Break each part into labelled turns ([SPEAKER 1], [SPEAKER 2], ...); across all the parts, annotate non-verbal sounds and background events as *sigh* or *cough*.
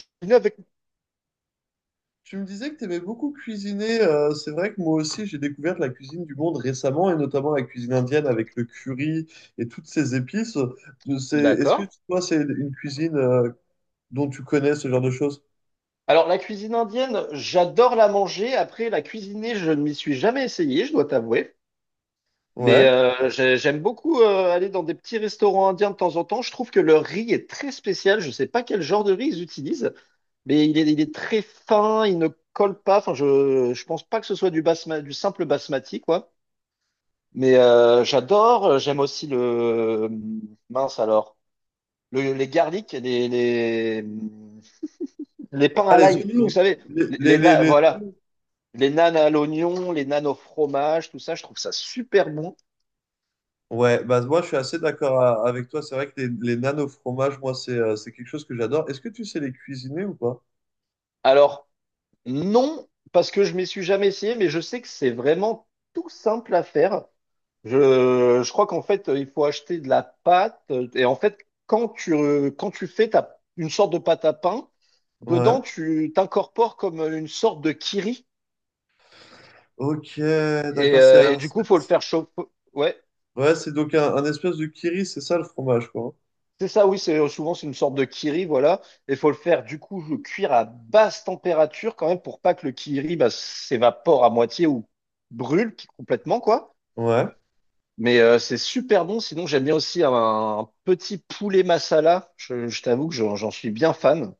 [SPEAKER 1] Cuisiner avec.
[SPEAKER 2] Tu me disais que tu aimais beaucoup cuisiner. C'est vrai que moi aussi, j'ai découvert la cuisine du monde récemment, et notamment la cuisine indienne avec le curry et toutes ces épices. Est-ce que
[SPEAKER 1] D'accord.
[SPEAKER 2] toi, c'est une cuisine dont tu connais ce genre de choses?
[SPEAKER 1] Alors, la cuisine indienne, j'adore la manger. Après, la cuisiner, je ne m'y suis jamais essayé, je dois t'avouer. Mais
[SPEAKER 2] Ouais.
[SPEAKER 1] euh, j'aime beaucoup aller dans des petits restaurants indiens de temps en temps. Je trouve que leur riz est très spécial. Je ne sais pas quel genre de riz ils utilisent, mais il est très fin, il ne colle pas. Enfin, je ne pense pas que ce soit du simple basmati, quoi. Mais j'adore. J'aime aussi le… Mince alors. Les garlics, les… Les pains
[SPEAKER 2] Ah,
[SPEAKER 1] à
[SPEAKER 2] les
[SPEAKER 1] l'ail, vous
[SPEAKER 2] oignons.
[SPEAKER 1] savez,
[SPEAKER 2] Les, les, les, les
[SPEAKER 1] voilà,
[SPEAKER 2] oignons.
[SPEAKER 1] les nanes à l'oignon, les nanes au fromage, tout ça, je trouve ça super bon.
[SPEAKER 2] Ouais, bah moi, je suis assez d'accord avec toi. C'est vrai que les nanes au fromage, moi, c'est quelque chose que j'adore. Est-ce que tu sais les cuisiner ou pas?
[SPEAKER 1] Alors, non, parce que je m'y suis jamais essayé, mais je sais que c'est vraiment tout simple à faire. Je crois qu'en fait, il faut acheter de la pâte. Et en fait, quand tu fais une sorte de pâte à pain,
[SPEAKER 2] Ouais.
[SPEAKER 1] dedans, tu t'incorpores comme une sorte de kiri.
[SPEAKER 2] Ok,
[SPEAKER 1] Et,
[SPEAKER 2] d'accord.
[SPEAKER 1] euh, et du coup, faut le faire chauffer. Ouais.
[SPEAKER 2] Ouais, c'est donc un espèce de curry, c'est ça le fromage, quoi.
[SPEAKER 1] C'est ça, oui, c'est une sorte de kiri, voilà. Il faut le faire du coup le cuire à basse température quand même pour pas que le kiri bah, s'évapore à moitié ou complètement quoi.
[SPEAKER 2] Hein? Ouais.
[SPEAKER 1] Mais c'est super bon. Sinon, j'aime bien aussi un petit poulet masala. Je t'avoue que j'en suis bien fan.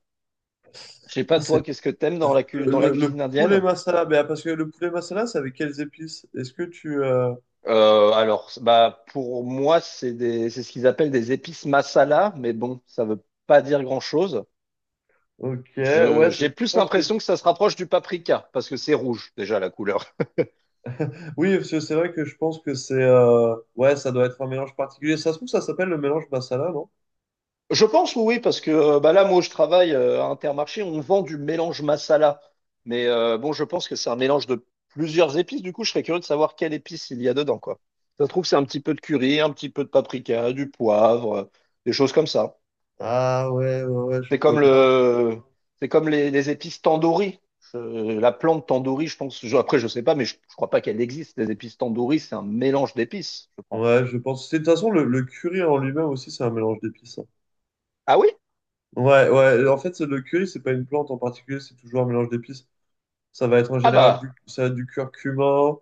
[SPEAKER 1] Je sais pas
[SPEAKER 2] C'est
[SPEAKER 1] toi, qu'est-ce que t'aimes dans dans la
[SPEAKER 2] le
[SPEAKER 1] cuisine
[SPEAKER 2] poulet
[SPEAKER 1] indienne?
[SPEAKER 2] masala, mais ah, parce que le poulet masala, c'est avec quelles épices?
[SPEAKER 1] Bah pour moi, c'est des c'est ce qu'ils appellent des épices masala, mais bon, ça veut pas dire grand-chose.
[SPEAKER 2] Ok,
[SPEAKER 1] Je,
[SPEAKER 2] ouais,
[SPEAKER 1] j'ai
[SPEAKER 2] je
[SPEAKER 1] plus
[SPEAKER 2] pense que...
[SPEAKER 1] l'impression que ça se rapproche du paprika, parce que c'est rouge déjà la couleur.
[SPEAKER 2] Oui, parce que c'est vrai que je pense que ouais, ça doit être un mélange particulier. Ça se trouve, ça s'appelle le mélange masala, non?
[SPEAKER 1] Je pense oui, parce que bah là, moi, où je travaille à Intermarché, on vend du mélange masala. Mais bon, je pense que c'est un mélange de plusieurs épices. Du coup, je serais curieux de savoir quelle épice il y a dedans, quoi. Ça se trouve, c'est un petit peu de curry, un petit peu de paprika, du poivre, des choses comme ça.
[SPEAKER 2] Ah ouais, je
[SPEAKER 1] C'est
[SPEAKER 2] vois
[SPEAKER 1] comme
[SPEAKER 2] bien.
[SPEAKER 1] le, c'est comme les épices tandoori. La plante tandoori, je pense. Je- après, je sais pas, mais je crois pas qu'elle existe. Les épices tandoori, c'est un mélange d'épices, je pense.
[SPEAKER 2] Ouais, je pense. De toute façon, le curry en lui-même aussi, c'est un mélange d'épices, hein.
[SPEAKER 1] Ah oui?
[SPEAKER 2] Ouais, ouais. En fait, le curry, c'est pas une plante en particulier, c'est toujours un mélange d'épices. Ça va être en
[SPEAKER 1] Ah
[SPEAKER 2] général du,
[SPEAKER 1] bah,
[SPEAKER 2] ça, va être du curcuma.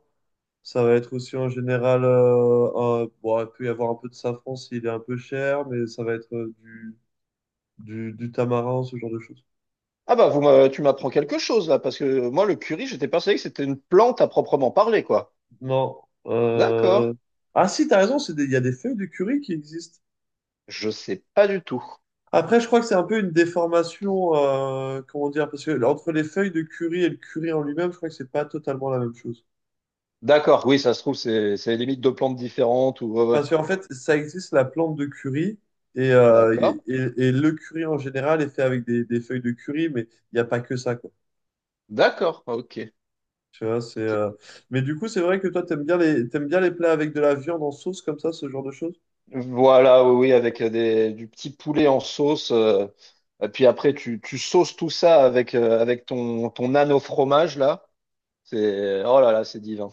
[SPEAKER 2] Ça va être aussi en général, bon, il peut y avoir un peu de safran s'il est un peu cher, mais ça va être euh, du tamarin, ce genre de choses.
[SPEAKER 1] ah bah, tu m'apprends quelque chose là, parce que moi, le curry, j'étais persuadé que c'était une plante à proprement parler, quoi.
[SPEAKER 2] Non.
[SPEAKER 1] D'accord.
[SPEAKER 2] euh, Ah si, t'as raison, il y a des feuilles de curry qui existent.
[SPEAKER 1] Je sais pas du tout.
[SPEAKER 2] Après, je crois que c'est un peu une déformation, comment dire, parce que entre les feuilles de curry et le curry en lui-même, je crois que c'est pas totalement la même chose.
[SPEAKER 1] D'accord, oui, ça se trouve, c'est limite deux plantes différentes ou ouais, ouais.
[SPEAKER 2] Parce qu'en fait, ça existe la plante de curry, et, euh,
[SPEAKER 1] D'accord.
[SPEAKER 2] et, et le curry en général est fait avec des feuilles de curry, mais il n'y a pas que ça, quoi.
[SPEAKER 1] D'accord, ok.
[SPEAKER 2] Tu vois, mais du coup, c'est vrai que toi, t'aimes bien les plats avec de la viande en sauce comme ça, ce genre de choses.
[SPEAKER 1] Voilà, oui, oui, avec du petit poulet en sauce. Et puis après, tu sauces tout ça avec, avec ton nano fromage, là. C'est, oh là là, c'est divin.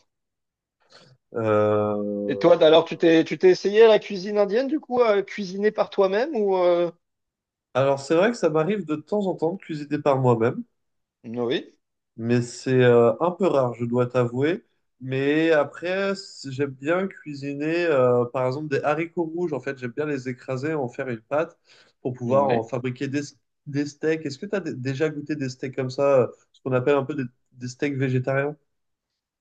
[SPEAKER 1] Et
[SPEAKER 2] Euh,
[SPEAKER 1] toi, alors, tu t'es essayé à la cuisine indienne, du coup, à cuisiner par toi-même ou
[SPEAKER 2] Alors, c'est vrai que ça m'arrive de temps en temps de cuisiner par moi-même,
[SPEAKER 1] oui,
[SPEAKER 2] mais c'est un peu rare, je dois t'avouer. Mais après, j'aime bien cuisiner, par exemple, des haricots rouges. En fait, j'aime bien les écraser, en faire une pâte pour pouvoir
[SPEAKER 1] oui.
[SPEAKER 2] en fabriquer des steaks. Est-ce que tu as déjà goûté des steaks comme ça, ce qu'on appelle un peu des steaks végétariens?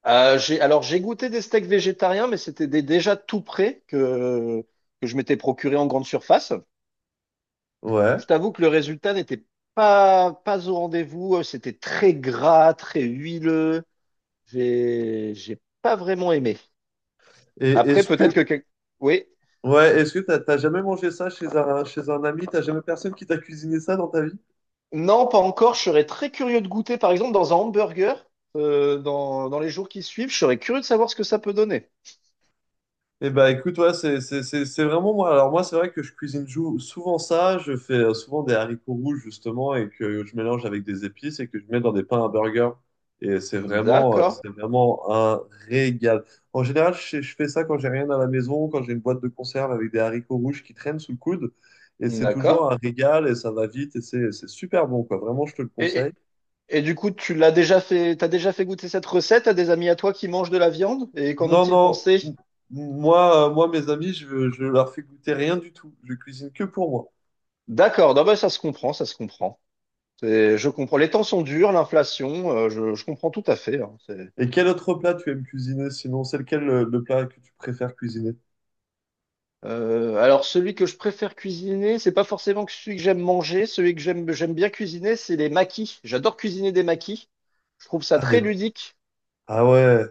[SPEAKER 1] Alors j'ai goûté des steaks végétariens, mais c'était des déjà tout prêts que je m'étais procuré en grande surface.
[SPEAKER 2] Ouais.
[SPEAKER 1] Je t'avoue que le résultat n'était pas au rendez-vous. C'était très gras, très huileux. J'ai pas vraiment aimé.
[SPEAKER 2] Et
[SPEAKER 1] Après,
[SPEAKER 2] est-ce que,
[SPEAKER 1] oui.
[SPEAKER 2] Ouais, est-ce que t'as jamais mangé ça chez un ami? T'as jamais personne qui t'a cuisiné ça dans ta vie?
[SPEAKER 1] Non, pas encore. Je serais très curieux de goûter, par exemple, dans un hamburger, dans, dans les jours qui suivent. Je serais curieux de savoir ce que ça peut donner.
[SPEAKER 2] Eh ben écoute, ouais, c'est vraiment moi. Alors moi, c'est vrai que je souvent ça. Je fais souvent des haricots rouges, justement, et que je mélange avec des épices et que je mets dans des pains à burger. Et
[SPEAKER 1] D'accord,
[SPEAKER 2] c'est vraiment un régal. En général, je fais ça quand j'ai rien à la maison, quand j'ai une boîte de conserve avec des haricots rouges qui traînent sous le coude. Et c'est
[SPEAKER 1] d'accord.
[SPEAKER 2] toujours un régal et ça va vite et c'est super bon, quoi. Vraiment, je te le conseille.
[SPEAKER 1] Et, Et du coup, tu l'as déjà fait, t'as déjà fait goûter cette recette à des amis à toi qui mangent de la viande? Et qu'en
[SPEAKER 2] Non,
[SPEAKER 1] ont-ils
[SPEAKER 2] non.
[SPEAKER 1] pensé?
[SPEAKER 2] Moi, mes amis, je leur fais goûter rien du tout. Je cuisine que pour moi.
[SPEAKER 1] D'accord, non, bah, ça se comprend, ça se comprend. Je comprends. Les temps sont durs, l'inflation, je comprends tout à fait. Hein, c'est-
[SPEAKER 2] Et quel autre plat tu aimes cuisiner sinon? C'est lequel le plat que tu préfères cuisiner?
[SPEAKER 1] Celui que je préfère cuisiner, c'est pas forcément que celui que j'aime manger. Celui que j'aime bien cuisiner, c'est les maquis. J'adore cuisiner des maquis. Je trouve ça
[SPEAKER 2] Ah,
[SPEAKER 1] très
[SPEAKER 2] des...
[SPEAKER 1] ludique.
[SPEAKER 2] ah ouais.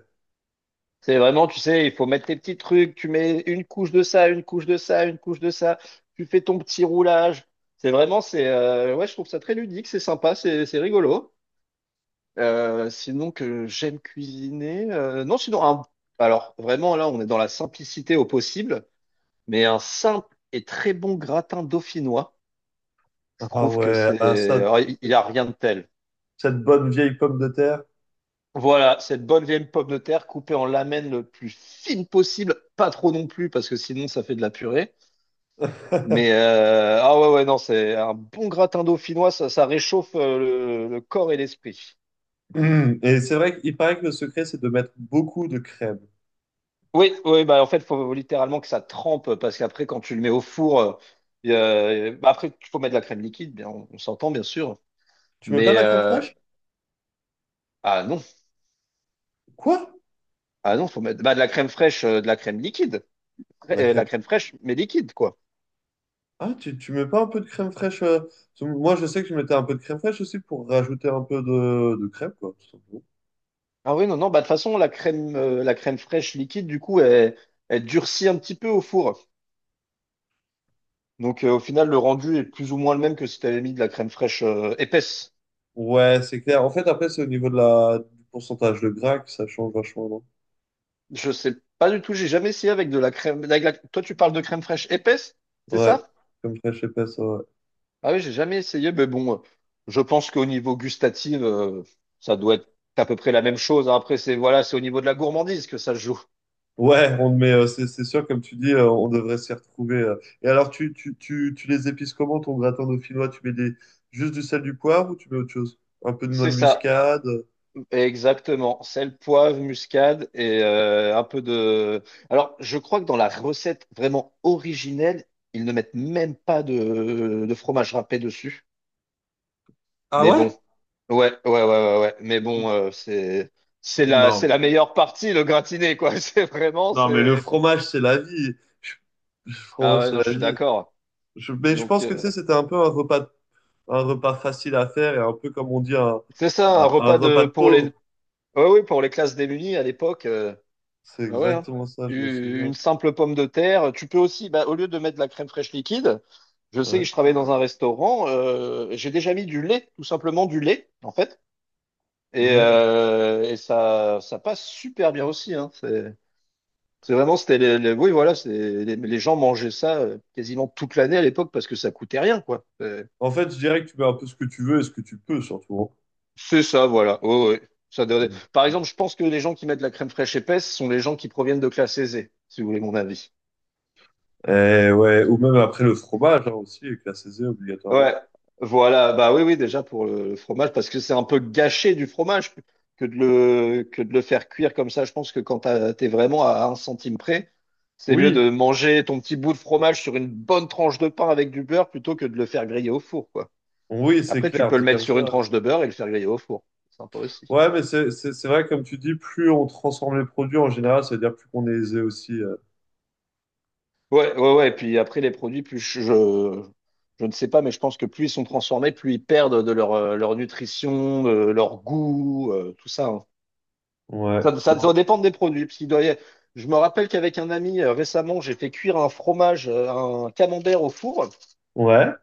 [SPEAKER 1] C'est vraiment, tu sais, il faut mettre tes petits trucs, tu mets une couche de ça, une couche de ça, une couche de ça, tu fais ton petit roulage. Ouais, je trouve ça très ludique, c'est sympa, c'est rigolo. Sinon que j'aime cuisiner, non, sinon, alors vraiment là, on est dans la simplicité au possible, mais un simple et très bon gratin dauphinois, je
[SPEAKER 2] Ah
[SPEAKER 1] trouve que
[SPEAKER 2] ouais. Ah,
[SPEAKER 1] c'est,
[SPEAKER 2] ça,
[SPEAKER 1] alors, il n'y a rien de tel.
[SPEAKER 2] cette bonne vieille pomme de terre.
[SPEAKER 1] Voilà, cette bonne vieille pomme de terre coupée en lamelles le plus fine possible, pas trop non plus, parce que sinon ça fait de la purée. Mais
[SPEAKER 2] *laughs*
[SPEAKER 1] euh, ah ouais, ouais, non, c'est un bon gratin dauphinois, ça réchauffe le corps et l'esprit.
[SPEAKER 2] Hum. Et c'est vrai qu'il paraît que le secret, c'est de mettre beaucoup de crème.
[SPEAKER 1] Oui, oui, bah en fait, faut littéralement que ça trempe, parce qu'après, quand tu le mets au four, bah, après, il faut mettre de la crème liquide, bien, on s'entend bien sûr.
[SPEAKER 2] Tu mets pas
[SPEAKER 1] Mais
[SPEAKER 2] de la crème
[SPEAKER 1] euh,
[SPEAKER 2] fraîche?
[SPEAKER 1] ah non,
[SPEAKER 2] Quoi?
[SPEAKER 1] ah non, faut mettre bah, de la crème fraîche, de la crème liquide.
[SPEAKER 2] De la
[SPEAKER 1] La
[SPEAKER 2] crème.
[SPEAKER 1] crème fraîche, mais liquide, quoi.
[SPEAKER 2] Ah, tu mets pas un peu de crème fraîche? Parce que moi, je sais que je mettais un peu de crème fraîche aussi pour rajouter un peu de crème, quoi.
[SPEAKER 1] Ah oui, non, non, bah de toute façon, la crème fraîche liquide, du coup, elle durcit un petit peu au four. Donc au final, le rendu est plus ou moins le même que si tu avais mis de la crème fraîche épaisse.
[SPEAKER 2] Ouais, c'est clair. En fait, après, c'est au niveau de la... du pourcentage de gras que ça change vachement, non?
[SPEAKER 1] Je sais pas du tout, j'ai jamais essayé avec de la crème. Avec la- toi, tu parles de crème fraîche épaisse, c'est
[SPEAKER 2] Ouais,
[SPEAKER 1] ça?
[SPEAKER 2] comme ça, je fraîche épaisse, ouais.
[SPEAKER 1] Ah oui, j'ai jamais essayé, mais bon, je pense qu'au niveau gustatif, ça doit être à peu près la même chose. Hein. Après, c'est voilà, c'est au niveau de la gourmandise que ça se joue.
[SPEAKER 2] Ouais, on met, euh, c'est sûr, comme tu dis, on devrait s'y retrouver. Et alors, tu les épices comment, ton gratin dauphinois? Tu mets des... juste du sel, du poivre ou tu mets autre chose? Un peu de noix
[SPEAKER 1] C'est
[SPEAKER 2] de
[SPEAKER 1] ça,
[SPEAKER 2] muscade?
[SPEAKER 1] exactement. Sel, poivre, muscade et un peu de. Alors, je crois que dans la recette vraiment originelle, ils ne mettent même pas de fromage râpé dessus.
[SPEAKER 2] Ah
[SPEAKER 1] Mais bon,
[SPEAKER 2] ouais?
[SPEAKER 1] ouais, ouais, ouais, ouais, ouais. Mais bon,
[SPEAKER 2] Non,
[SPEAKER 1] c'est la
[SPEAKER 2] mais,
[SPEAKER 1] meilleure partie, le gratiné, quoi. *laughs*
[SPEAKER 2] non, mais le
[SPEAKER 1] C'est.
[SPEAKER 2] fromage, c'est la vie. Je- Le
[SPEAKER 1] Ah
[SPEAKER 2] fromage,
[SPEAKER 1] ouais,
[SPEAKER 2] c'est
[SPEAKER 1] non, je
[SPEAKER 2] la
[SPEAKER 1] suis
[SPEAKER 2] vie.
[SPEAKER 1] d'accord.
[SPEAKER 2] Mais je
[SPEAKER 1] Donc
[SPEAKER 2] pense que, tu
[SPEAKER 1] euh,
[SPEAKER 2] sais, c'était un peu un repas facile à faire et un peu, comme on dit,
[SPEAKER 1] un
[SPEAKER 2] un
[SPEAKER 1] repas
[SPEAKER 2] repas
[SPEAKER 1] de
[SPEAKER 2] de
[SPEAKER 1] pour les
[SPEAKER 2] pauvre.
[SPEAKER 1] ouais, ouais, pour les classes démunies à l'époque.
[SPEAKER 2] C'est
[SPEAKER 1] Ah ouais, hein.
[SPEAKER 2] exactement ça, je me souviens.
[SPEAKER 1] Une simple pomme de terre. Tu peux aussi, bah, au lieu de mettre de la crème fraîche liquide, je sais que
[SPEAKER 2] Ouais.
[SPEAKER 1] je travaillais dans un restaurant. J'ai déjà mis du lait, tout simplement du lait, en fait. Et,
[SPEAKER 2] Mm.
[SPEAKER 1] euh, et ça passe super bien aussi, hein. C'est vraiment, c'était oui, voilà, c'est, les gens mangeaient ça quasiment toute l'année à l'époque parce que ça coûtait rien, quoi.
[SPEAKER 2] En fait, je dirais que tu mets un peu ce que tu veux et ce que tu peux, surtout.
[SPEAKER 1] C'est ça, voilà. Oh, ouais.
[SPEAKER 2] Hein. Mm.
[SPEAKER 1] Par exemple, je pense que les gens qui mettent la crème fraîche épaisse sont les gens qui proviennent de classe aisée, si vous voulez mon avis.
[SPEAKER 2] Et ouais, ou même après le fromage hein, aussi, avec la saisie
[SPEAKER 1] Ouais,
[SPEAKER 2] obligatoirement.
[SPEAKER 1] voilà, bah oui, oui, déjà pour le fromage, parce que c'est un peu gâché du fromage que de que de le faire cuire comme ça. Je pense que quand t'es vraiment à un centime près, c'est mieux
[SPEAKER 2] Oui,
[SPEAKER 1] de manger ton petit bout de fromage sur une bonne tranche de pain avec du beurre plutôt que de le faire griller au four, quoi.
[SPEAKER 2] oui, c'est
[SPEAKER 1] Après, tu
[SPEAKER 2] clair,
[SPEAKER 1] peux le
[SPEAKER 2] dit
[SPEAKER 1] mettre
[SPEAKER 2] comme ça.
[SPEAKER 1] sur une
[SPEAKER 2] Hein,
[SPEAKER 1] tranche
[SPEAKER 2] c'est
[SPEAKER 1] de
[SPEAKER 2] clair.
[SPEAKER 1] beurre et le faire griller au four. C'est sympa aussi.
[SPEAKER 2] Ouais, mais c'est vrai, comme tu dis, plus on transforme les produits en général, ça veut dire plus qu'on est aisé aussi.
[SPEAKER 1] Ouais, ouais, ouais. Et puis après, les produits, je ne sais pas, mais je pense que plus ils sont transformés, plus ils perdent de leur, leur nutrition, de leur goût, tout ça, hein.
[SPEAKER 2] Ouais.
[SPEAKER 1] Ça va
[SPEAKER 2] Non.
[SPEAKER 1] dépendre des produits. Parce qu'il je me rappelle qu'avec un ami, récemment, j'ai fait cuire un fromage, un camembert au four.
[SPEAKER 2] Ouais.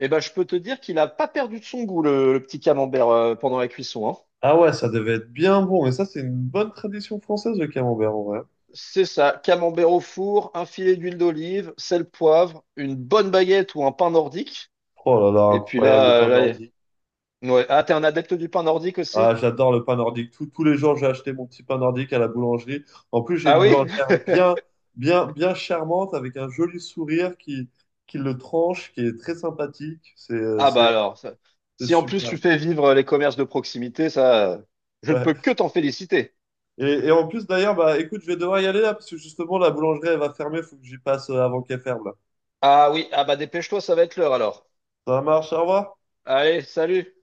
[SPEAKER 1] Et ben, je peux te dire qu'il n'a pas perdu de son goût, le petit camembert, pendant la cuisson, hein.
[SPEAKER 2] Ah ouais, ça devait être bien bon. Mais ça, c'est une bonne tradition française, le camembert, en vrai.
[SPEAKER 1] C'est ça, camembert au four, un filet d'huile d'olive, sel, poivre, une bonne baguette ou un pain nordique.
[SPEAKER 2] Oh là là,
[SPEAKER 1] Et puis
[SPEAKER 2] incroyable le
[SPEAKER 1] là,
[SPEAKER 2] pain
[SPEAKER 1] là,
[SPEAKER 2] d'ordi.
[SPEAKER 1] y- ouais. Ah, t'es un adepte du pain nordique aussi?
[SPEAKER 2] Ah, j'adore le pain nordique. Tous les jours, j'ai acheté mon petit pain nordique à la boulangerie. En plus, j'ai
[SPEAKER 1] Ah
[SPEAKER 2] une
[SPEAKER 1] oui?
[SPEAKER 2] boulangère bien charmante avec un joli sourire qui le tranche, qui est très sympathique.
[SPEAKER 1] Ah bah alors, ça-
[SPEAKER 2] C'est
[SPEAKER 1] si en plus
[SPEAKER 2] super.
[SPEAKER 1] tu fais vivre les commerces de proximité, ça, je ne
[SPEAKER 2] Ouais.
[SPEAKER 1] peux que t'en féliciter.
[SPEAKER 2] Et en plus, d'ailleurs, bah, écoute, je vais devoir y aller là parce que justement, la boulangerie, elle va fermer. Il faut que j'y passe avant qu'elle ferme là.
[SPEAKER 1] Ah oui, ah bah dépêche-toi, ça va être l'heure alors.
[SPEAKER 2] Ça marche, au revoir.
[SPEAKER 1] Allez, salut!